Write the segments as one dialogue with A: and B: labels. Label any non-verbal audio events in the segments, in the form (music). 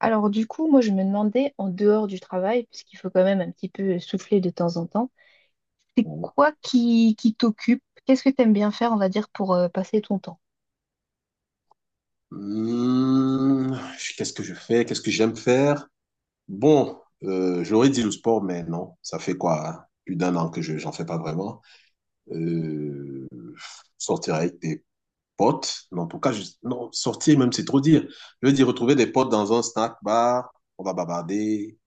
A: Alors du coup, moi je me demandais, en dehors du travail, puisqu'il faut quand même un petit peu souffler de temps en temps, c'est quoi qui t'occupe? Qu'est-ce que t'aimes bien faire, on va dire, pour passer ton temps?
B: Hmm, qu'est-ce que je fais? Qu'est-ce que j'aime faire? Bon, j'aurais dit le sport, mais non, ça fait quoi? Hein, plus d'un an que j'en fais pas vraiment. Euh, sortir avec des potes. Non, en tout cas, non, sortir même, c'est trop dire. Je veux dire, retrouver des potes dans un snack bar, on va bavarder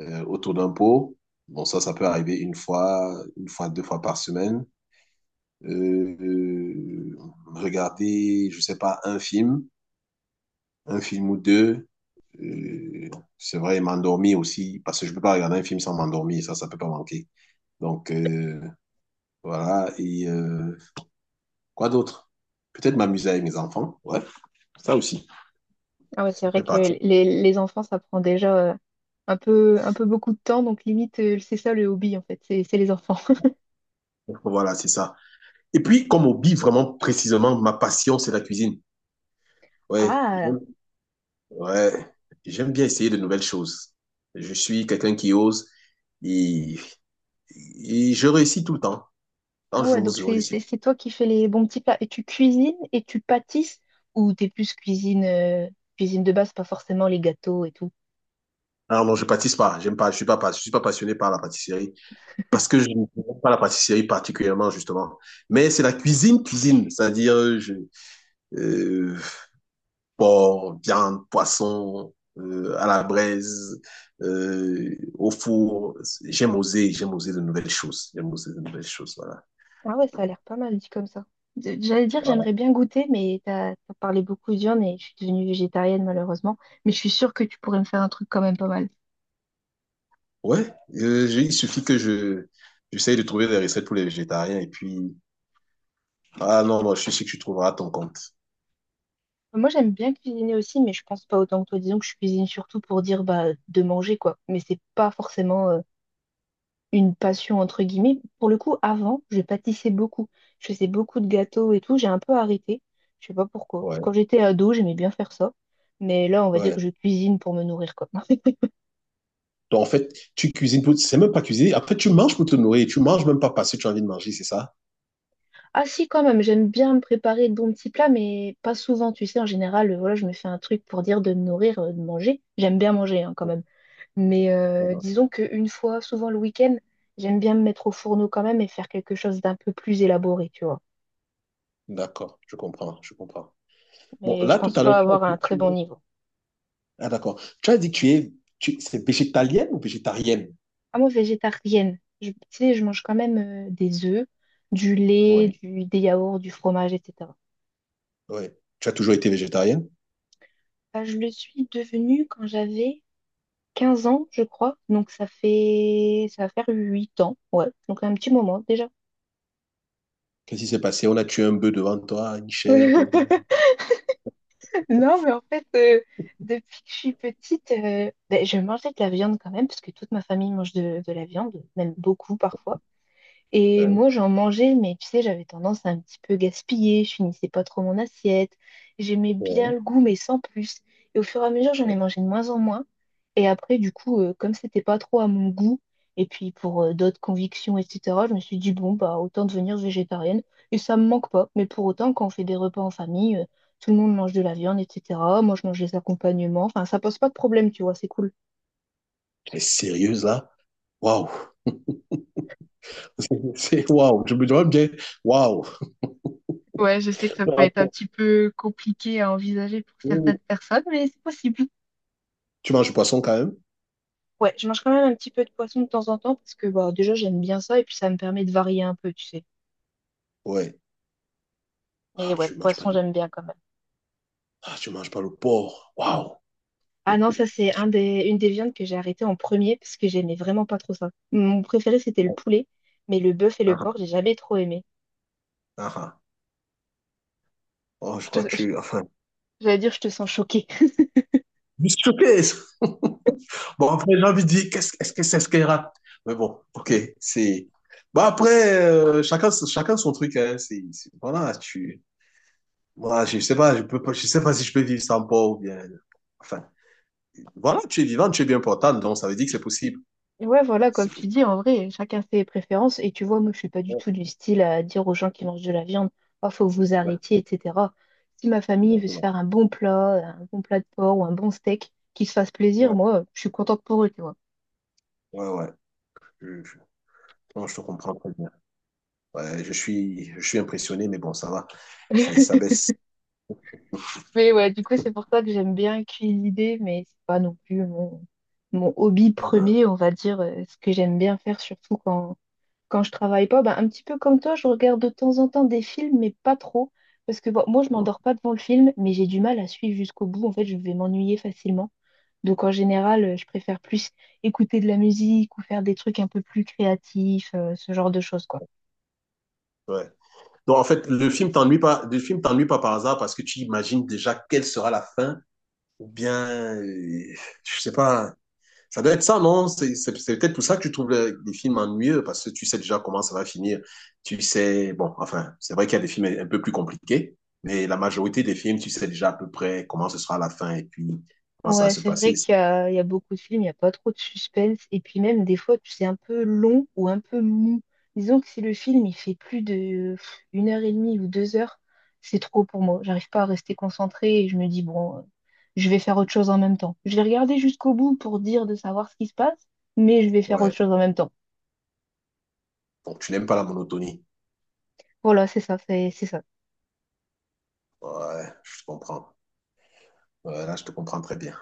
B: autour d'un pot. Bon, ça peut arriver une fois, deux fois par semaine. Euh, euh, regarder, je sais pas, un film ou deux. Euh, c'est vrai, m'endormir aussi, parce que je peux pas regarder un film sans m'endormir, ça peut pas manquer. Donc, voilà. Et quoi d'autre? Peut-être m'amuser avec mes enfants, ouais, ça aussi,
A: Ah ouais, c'est
B: ça
A: vrai
B: fait
A: que
B: partie.
A: les enfants, ça prend déjà un peu beaucoup de temps, donc limite, c'est ça le hobby en fait, c'est les enfants. (laughs)
B: Donc, voilà, c'est ça. Et puis, comme hobby, vraiment précisément, ma passion, c'est la cuisine. Ouais,
A: Ah,
B: ouais, j'aime bien essayer de nouvelles choses. Je suis quelqu'un qui ose et, et je réussis tout le temps. Quand
A: ah ouais,
B: j'ose,
A: donc
B: je réussis.
A: c'est toi qui fais les bons petits plats. Et tu cuisines et tu pâtisses, ou t'es plus cuisine, cuisine de base, pas forcément les gâteaux et tout?
B: Alors non, je pâtisse pas, j'aime pas, je suis je suis pas passionné par la pâtisserie. Parce que je ne connais pas la pâtisserie particulièrement, justement. Mais c'est la cuisine, cuisine. C'est-à-dire, euh, porc, viande, poisson, à la braise, au four. J'aime oser de nouvelles choses. J'aime oser de nouvelles choses, voilà.
A: Ah ouais, ça a l'air pas mal dit comme ça. J'allais dire,
B: Voilà.
A: j'aimerais bien goûter, mais t'as parlé beaucoup de viande et je suis devenue végétarienne malheureusement. Mais je suis sûre que tu pourrais me faire un truc quand même pas mal.
B: Ouais, il suffit que j'essaye de trouver des recettes pour les végétariens et puis, ah non, non, je suis sûr que tu trouveras ton compte.
A: Moi, j'aime bien cuisiner aussi, mais je pense pas autant que toi. Disons que je cuisine surtout pour dire bah, de manger, quoi. Mais c'est pas forcément une passion, entre guillemets. Pour le coup, avant, je pâtissais beaucoup. Je faisais beaucoup de gâteaux et tout. J'ai un peu arrêté. Je sais pas pourquoi.
B: Ouais,
A: Quand j'étais ado, j'aimais bien faire ça. Mais là, on va dire
B: ouais.
A: que je cuisine pour me nourrir, quoi. (laughs)
B: Donc, en fait, tu cuisines pour, c'est même pas cuisiner. Après, tu manges pour te nourrir. Tu manges même pas parce que tu as envie de manger, c'est ça?
A: Ah si, quand même, j'aime bien me préparer de bons petits plats, mais pas souvent, tu sais, en général, voilà, je me fais un truc pour dire de me nourrir, de manger. J'aime bien manger, hein, quand même. Mais
B: Mhm.
A: disons qu'une fois, souvent le week-end, j'aime bien me mettre au fourneau quand même et faire quelque chose d'un peu plus élaboré, tu vois.
B: D'accord, je comprends, je comprends. Bon,
A: Mais je
B: là, tout
A: pense
B: à l'heure,
A: pas
B: tu as
A: avoir
B: dit
A: un
B: que
A: très
B: tu
A: bon
B: es…
A: niveau.
B: Ah, d'accord. Tu as dit que tu es… C'est végétalienne ou végétarienne?
A: Ah, moi, végétarienne, tu sais, je mange quand même des œufs, du lait,
B: Oui.
A: des yaourts, du fromage, etc.
B: Oui. Tu as toujours été végétarienne?
A: Bah, je le suis devenue quand j'avais 15 ans, je crois. Donc ça va faire 8 ans. Ouais. Donc un petit moment déjà.
B: Qu'est-ce qui s'est passé? On a tué un bœuf devant toi, une chèvre, ou bien-
A: (laughs) Non, mais en fait, depuis que je suis petite, ben, je mangeais de la viande quand même, parce que toute ma famille mange de la viande, même beaucoup parfois. Et
B: Hein?
A: moi, j'en mangeais, mais tu sais, j'avais tendance à un petit peu gaspiller, je finissais pas trop mon assiette, j'aimais bien
B: Ouais.
A: le goût, mais sans plus. Et au fur et à mesure, j'en ai mangé de moins en moins. Et après, du coup, comme c'était pas trop à mon goût, et puis pour d'autres convictions, etc., je me suis dit, bon, bah, autant devenir végétarienne. Et ça me manque pas. Mais pour autant, quand on fait des repas en famille, tout le monde mange de la viande, etc. Moi, je mange des accompagnements. Enfin, ça pose pas de problème, tu vois, c'est cool.
B: Tu es sérieuse là? Waouh! (laughs) C'est waouh! Je me dois me dire, waouh!
A: Ouais, je sais que ça peut être un petit peu compliqué à envisager pour certaines personnes, mais c'est possible.
B: Tu manges du poisson quand même?
A: Ouais, je mange quand même un petit peu de poisson de temps en temps parce que bah, déjà j'aime bien ça et puis ça me permet de varier un peu, tu sais.
B: Ouais.
A: Mais
B: Ah,
A: ouais, le
B: tu manges pas
A: poisson
B: du…
A: j'aime bien quand même.
B: Ah, tu manges pas le porc. Waouh!
A: Ah non, ça c'est une des viandes que j'ai arrêté en premier parce que j'aimais vraiment pas trop ça. Mon préféré c'était le poulet, mais le bœuf et le
B: Ah,
A: porc j'ai jamais trop aimé.
B: ah, ah. Oh, je
A: Je
B: crois que
A: te- je-
B: tu… Enfin,
A: J'allais dire je te sens choquée.
B: je suis choqué. (laughs) Bon, après, j'ai envie de dire, qu'est-ce que c'est ce qu'elle rate? Mais bon, ok, c'est. Bon, après, chacun son truc, hein. Voilà, tu. Moi, je sais pas, je peux pas, je sais pas si je peux vivre sans Paul ou bien. Enfin, voilà, tu es vivant, tu es bien portant, donc ça veut dire que c'est possible.
A: Ouais, voilà, comme
B: C'est
A: tu
B: possible.
A: dis, en vrai, chacun ses préférences. Et tu vois, moi, je suis pas du
B: Ouais,
A: tout du style à dire aux gens qui mangent de la viande, oh, faut que vous arrêtiez,
B: exactement,
A: etc. Si ma famille veut se
B: exactement.
A: faire un bon plat de porc ou un bon steak, qu'ils se fassent plaisir,
B: Ouais,
A: moi, je suis contente pour eux, tu vois.
B: ouais, ouais. Je, je- non, je te comprends très bien. Ouais, je suis impressionné, mais bon, ça va. C'est, ça baisse.
A: Mais ouais, du coup, c'est pour ça que j'aime bien cuisiner, mais c'est pas non plus mon hobby
B: Uh-huh.
A: premier, on va dire, ce que j'aime bien faire, surtout quand je travaille pas, ben, un petit peu comme toi, je regarde de temps en temps des films, mais pas trop. Parce que bon, moi, je m'endors pas devant le film, mais j'ai du mal à suivre jusqu'au bout. En fait, je vais m'ennuyer facilement. Donc, en général, je préfère plus écouter de la musique ou faire des trucs un peu plus créatifs, ce genre de choses, quoi.
B: Ouais. Donc, en fait, le film t'ennuie pas, le film t'ennuie pas par hasard parce que tu imagines déjà quelle sera la fin, ou bien, euh, je sais pas, ça doit être ça, non? C'est peut-être pour ça que tu trouves les films ennuyeux parce que tu sais déjà comment ça va finir. Tu sais, bon, enfin, c'est vrai qu'il y a des films un peu plus compliqués, mais la majorité des films, tu sais déjà à peu près comment ce sera la fin et puis comment ça va
A: Ouais,
B: se
A: c'est
B: passer.
A: vrai qu'il y a beaucoup de films, il n'y a pas trop de suspense. Et puis même des fois, c'est un peu long ou un peu mou. Disons que si le film il fait plus de pff, 1 heure et demie ou 2 heures, c'est trop pour moi. J'arrive pas à rester concentrée et je me dis, bon, je vais faire autre chose en même temps. Je vais regarder jusqu'au bout pour dire de savoir ce qui se passe, mais je vais faire autre
B: Ouais.
A: chose en même temps.
B: Donc, tu n'aimes pas la monotonie.
A: Voilà, c'est ça, c'est ça.
B: Ouais, je comprends. Ouais, là, je te comprends très bien.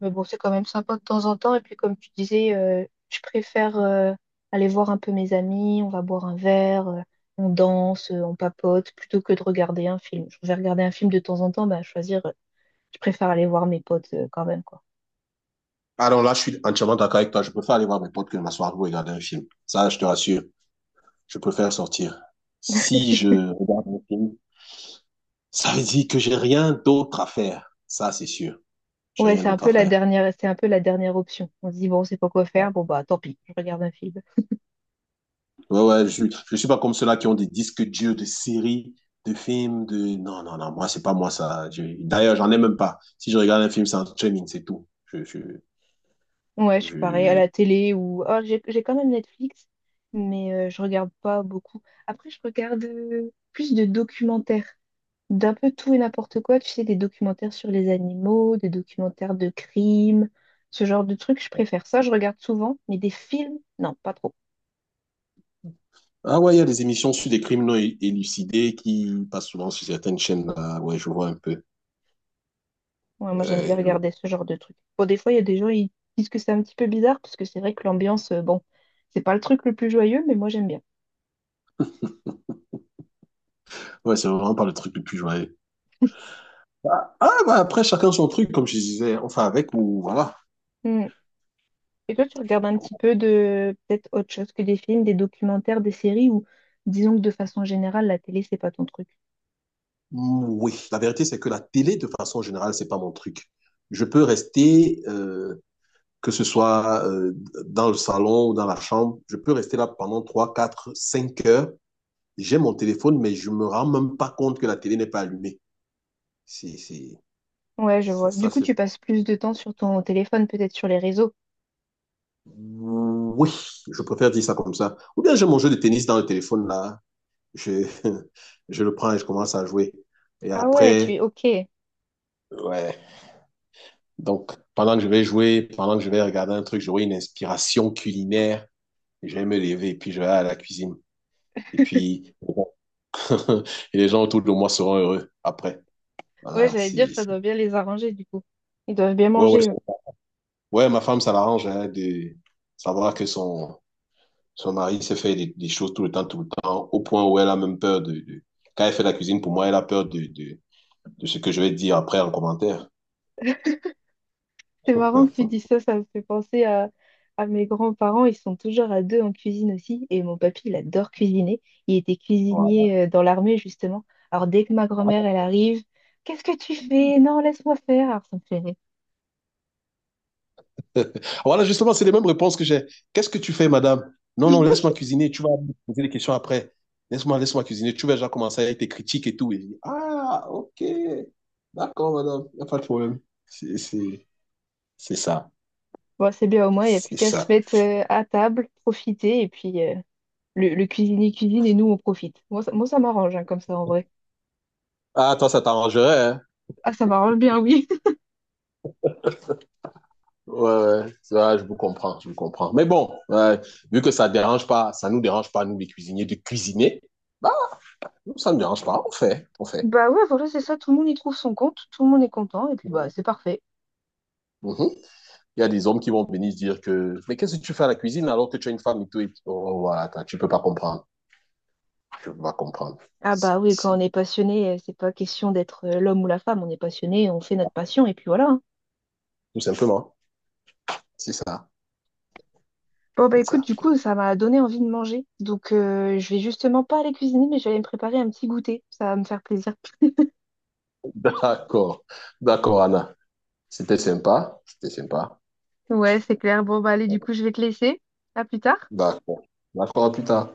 A: Mais bon, c'est quand même sympa de temps en temps. Et puis, comme tu disais, je préfère aller voir un peu mes amis, on va boire un verre, on danse, on papote, plutôt que de regarder un film. Je vais regarder un film de temps en temps, bah, choisir, je préfère aller voir mes potes quand même, quoi.
B: Alors là, je suis entièrement d'accord avec toi. Je préfère aller voir mes potes que de m'asseoir pour regarder un film. Ça, je te rassure. Je préfère sortir. Si je regarde un film, ça veut dire que j'ai rien d'autre à faire. Ça, c'est sûr. J'ai
A: Ouais,
B: rien
A: c'est un
B: d'autre
A: peu
B: à
A: la
B: faire.
A: dernière, c'est un peu la dernière option. On se dit, bon, c'est pas quoi faire, bon, bah, tant pis, je regarde un film.
B: Ouais, ouais, je ne suis pas comme ceux-là qui ont des disques durs de séries, de films, de… Non, non, non, moi, c'est pas moi ça. D'ailleurs, j'en ai même pas. Si je regarde un film, c'est un streaming, c'est tout.
A: Ouais, je suis pareil, à
B: Je…
A: la télé ou. Ah, j'ai quand même Netflix, mais je regarde pas beaucoup. Après, je regarde plus de documentaires, d'un peu tout et n'importe quoi, tu sais, des documentaires sur les animaux, des documentaires de crimes, ce genre de trucs, je préfère ça, je regarde souvent, mais des films, non, pas trop.
B: Ah ouais, il y a des émissions sur des criminels élucidés qui passent souvent sur certaines chaînes. Là. Ouais, je vois un peu.
A: Ouais, moi, j'aime
B: Euh,
A: bien
B: je-
A: regarder ce genre de trucs. Bon, des fois, il y a des gens, ils disent que c'est un petit peu bizarre, parce que c'est vrai que l'ambiance, bon, c'est pas le truc le plus joyeux, mais moi, j'aime bien.
B: Ouais, c'est vraiment pas le truc le plus joyeux. Ah, ah, bah après, chacun son truc, comme je disais. Enfin, avec ou… voilà.
A: Hmm. Et toi, tu regardes un petit peu de, peut-être autre chose que des films, des documentaires, des séries, ou disons que de façon générale, la télé, c'est pas ton truc.
B: Mm, oui, la vérité, c'est que la télé, de façon générale, c'est pas mon truc. Je peux rester… que ce soit dans le salon ou dans la chambre, je peux rester là pendant 3, 4, 5 heures. J'ai mon téléphone, mais je ne me rends même pas compte que la télé n'est pas allumée. C'est, c'est,
A: Ouais, je vois. Du
B: ça
A: coup,
B: c'est…
A: tu passes plus de temps sur ton téléphone, peut-être sur les réseaux.
B: oui, je préfère dire ça comme ça. Ou bien j'ai mon jeu de tennis dans le téléphone, là. Je, (laughs) je le prends et je commence à jouer. Et
A: Ah ouais, tu es
B: après,
A: ok.
B: ouais. Donc, pendant que je vais jouer, pendant que je vais regarder un truc, j'aurai une inspiration culinaire. Je vais me lever et puis je vais à la cuisine. Et puis, (laughs) et les gens autour de moi seront heureux après.
A: Ouais,
B: Voilà,
A: j'allais dire,
B: si,
A: ça doit
B: si.
A: bien les arranger du coup. Ils doivent bien
B: Ouais, ouais,
A: manger, eux.
B: ouais, ma femme, ça l'arrange hein, de savoir que son mari se fait des choses tout le temps, au point où elle a même peur quand elle fait la cuisine, pour moi, elle a peur de ce que je vais dire après en commentaire.
A: C'est marrant que tu dis ça, ça me fait penser à mes grands-parents. Ils sont toujours à deux en cuisine aussi. Et mon papy, il adore cuisiner. Il était
B: Voilà,
A: cuisinier dans l'armée, justement. Alors, dès que ma grand-mère, elle arrive, qu'est-ce que tu fais? Non, laisse-moi faire. Alors, ça me fait rire.
B: (laughs) voilà, justement, c'est les mêmes réponses que j'ai. Qu'est-ce que tu fais, madame? Non, non, laisse-moi cuisiner. Tu vas me poser des questions après. Laisse-moi cuisiner. Tu vas déjà commencer à être tes critiques et tout. Et je dis, ah, ok. D'accord, madame. Il n'y a pas de problème. C'est, c'est... C'est ça.
A: Bon, c'est bien, au moins, il n'y a plus
B: C'est
A: qu'à se
B: ça.
A: mettre à table, profiter. Et puis, le cuisinier cuisine et nous, on profite. Moi, ça m'arrange, hein, comme ça, en vrai.
B: Ah, toi, ça t'arrangerait, hein?
A: Ah, ça m'arrange bien, oui.
B: Ouais, ouais, ouais, je vous comprends. Mais bon, ouais, vu que ça dérange pas, ça nous dérange pas, nous, les cuisiniers, de cuisiner, bah, nous, ça ne dérange pas, on fait, on fait.
A: Bah ouais, voilà, c'est ça, tout le monde y trouve son compte, tout le monde est content, et puis bah c'est parfait.
B: Mhm. Il y a des hommes qui vont venir se dire que, mais qu'est-ce que tu fais à la cuisine alors que tu as une femme et tout, et puis, oh, oh, voilà, attends, tu peux pas comprendre, tu peux pas comprendre.
A: Ah
B: Si,
A: bah oui, quand on
B: si.
A: est passionné, c'est pas question d'être l'homme ou la femme, on est passionné, on fait notre passion, et puis voilà, hein.
B: Tout simplement, c'est ça,
A: Bon bah
B: c'est
A: écoute,
B: ça.
A: du coup, ça m'a donné envie de manger, donc je vais justement pas aller cuisiner, mais je vais aller me préparer un petit goûter, ça va me faire plaisir.
B: (laughs) D'accord, d'accord, Anna. C'était sympa, c'était sympa.
A: Ouais, c'est clair, bon bah allez, du coup, je vais te laisser, à plus tard.
B: D'accord, d'accord, à plus tard.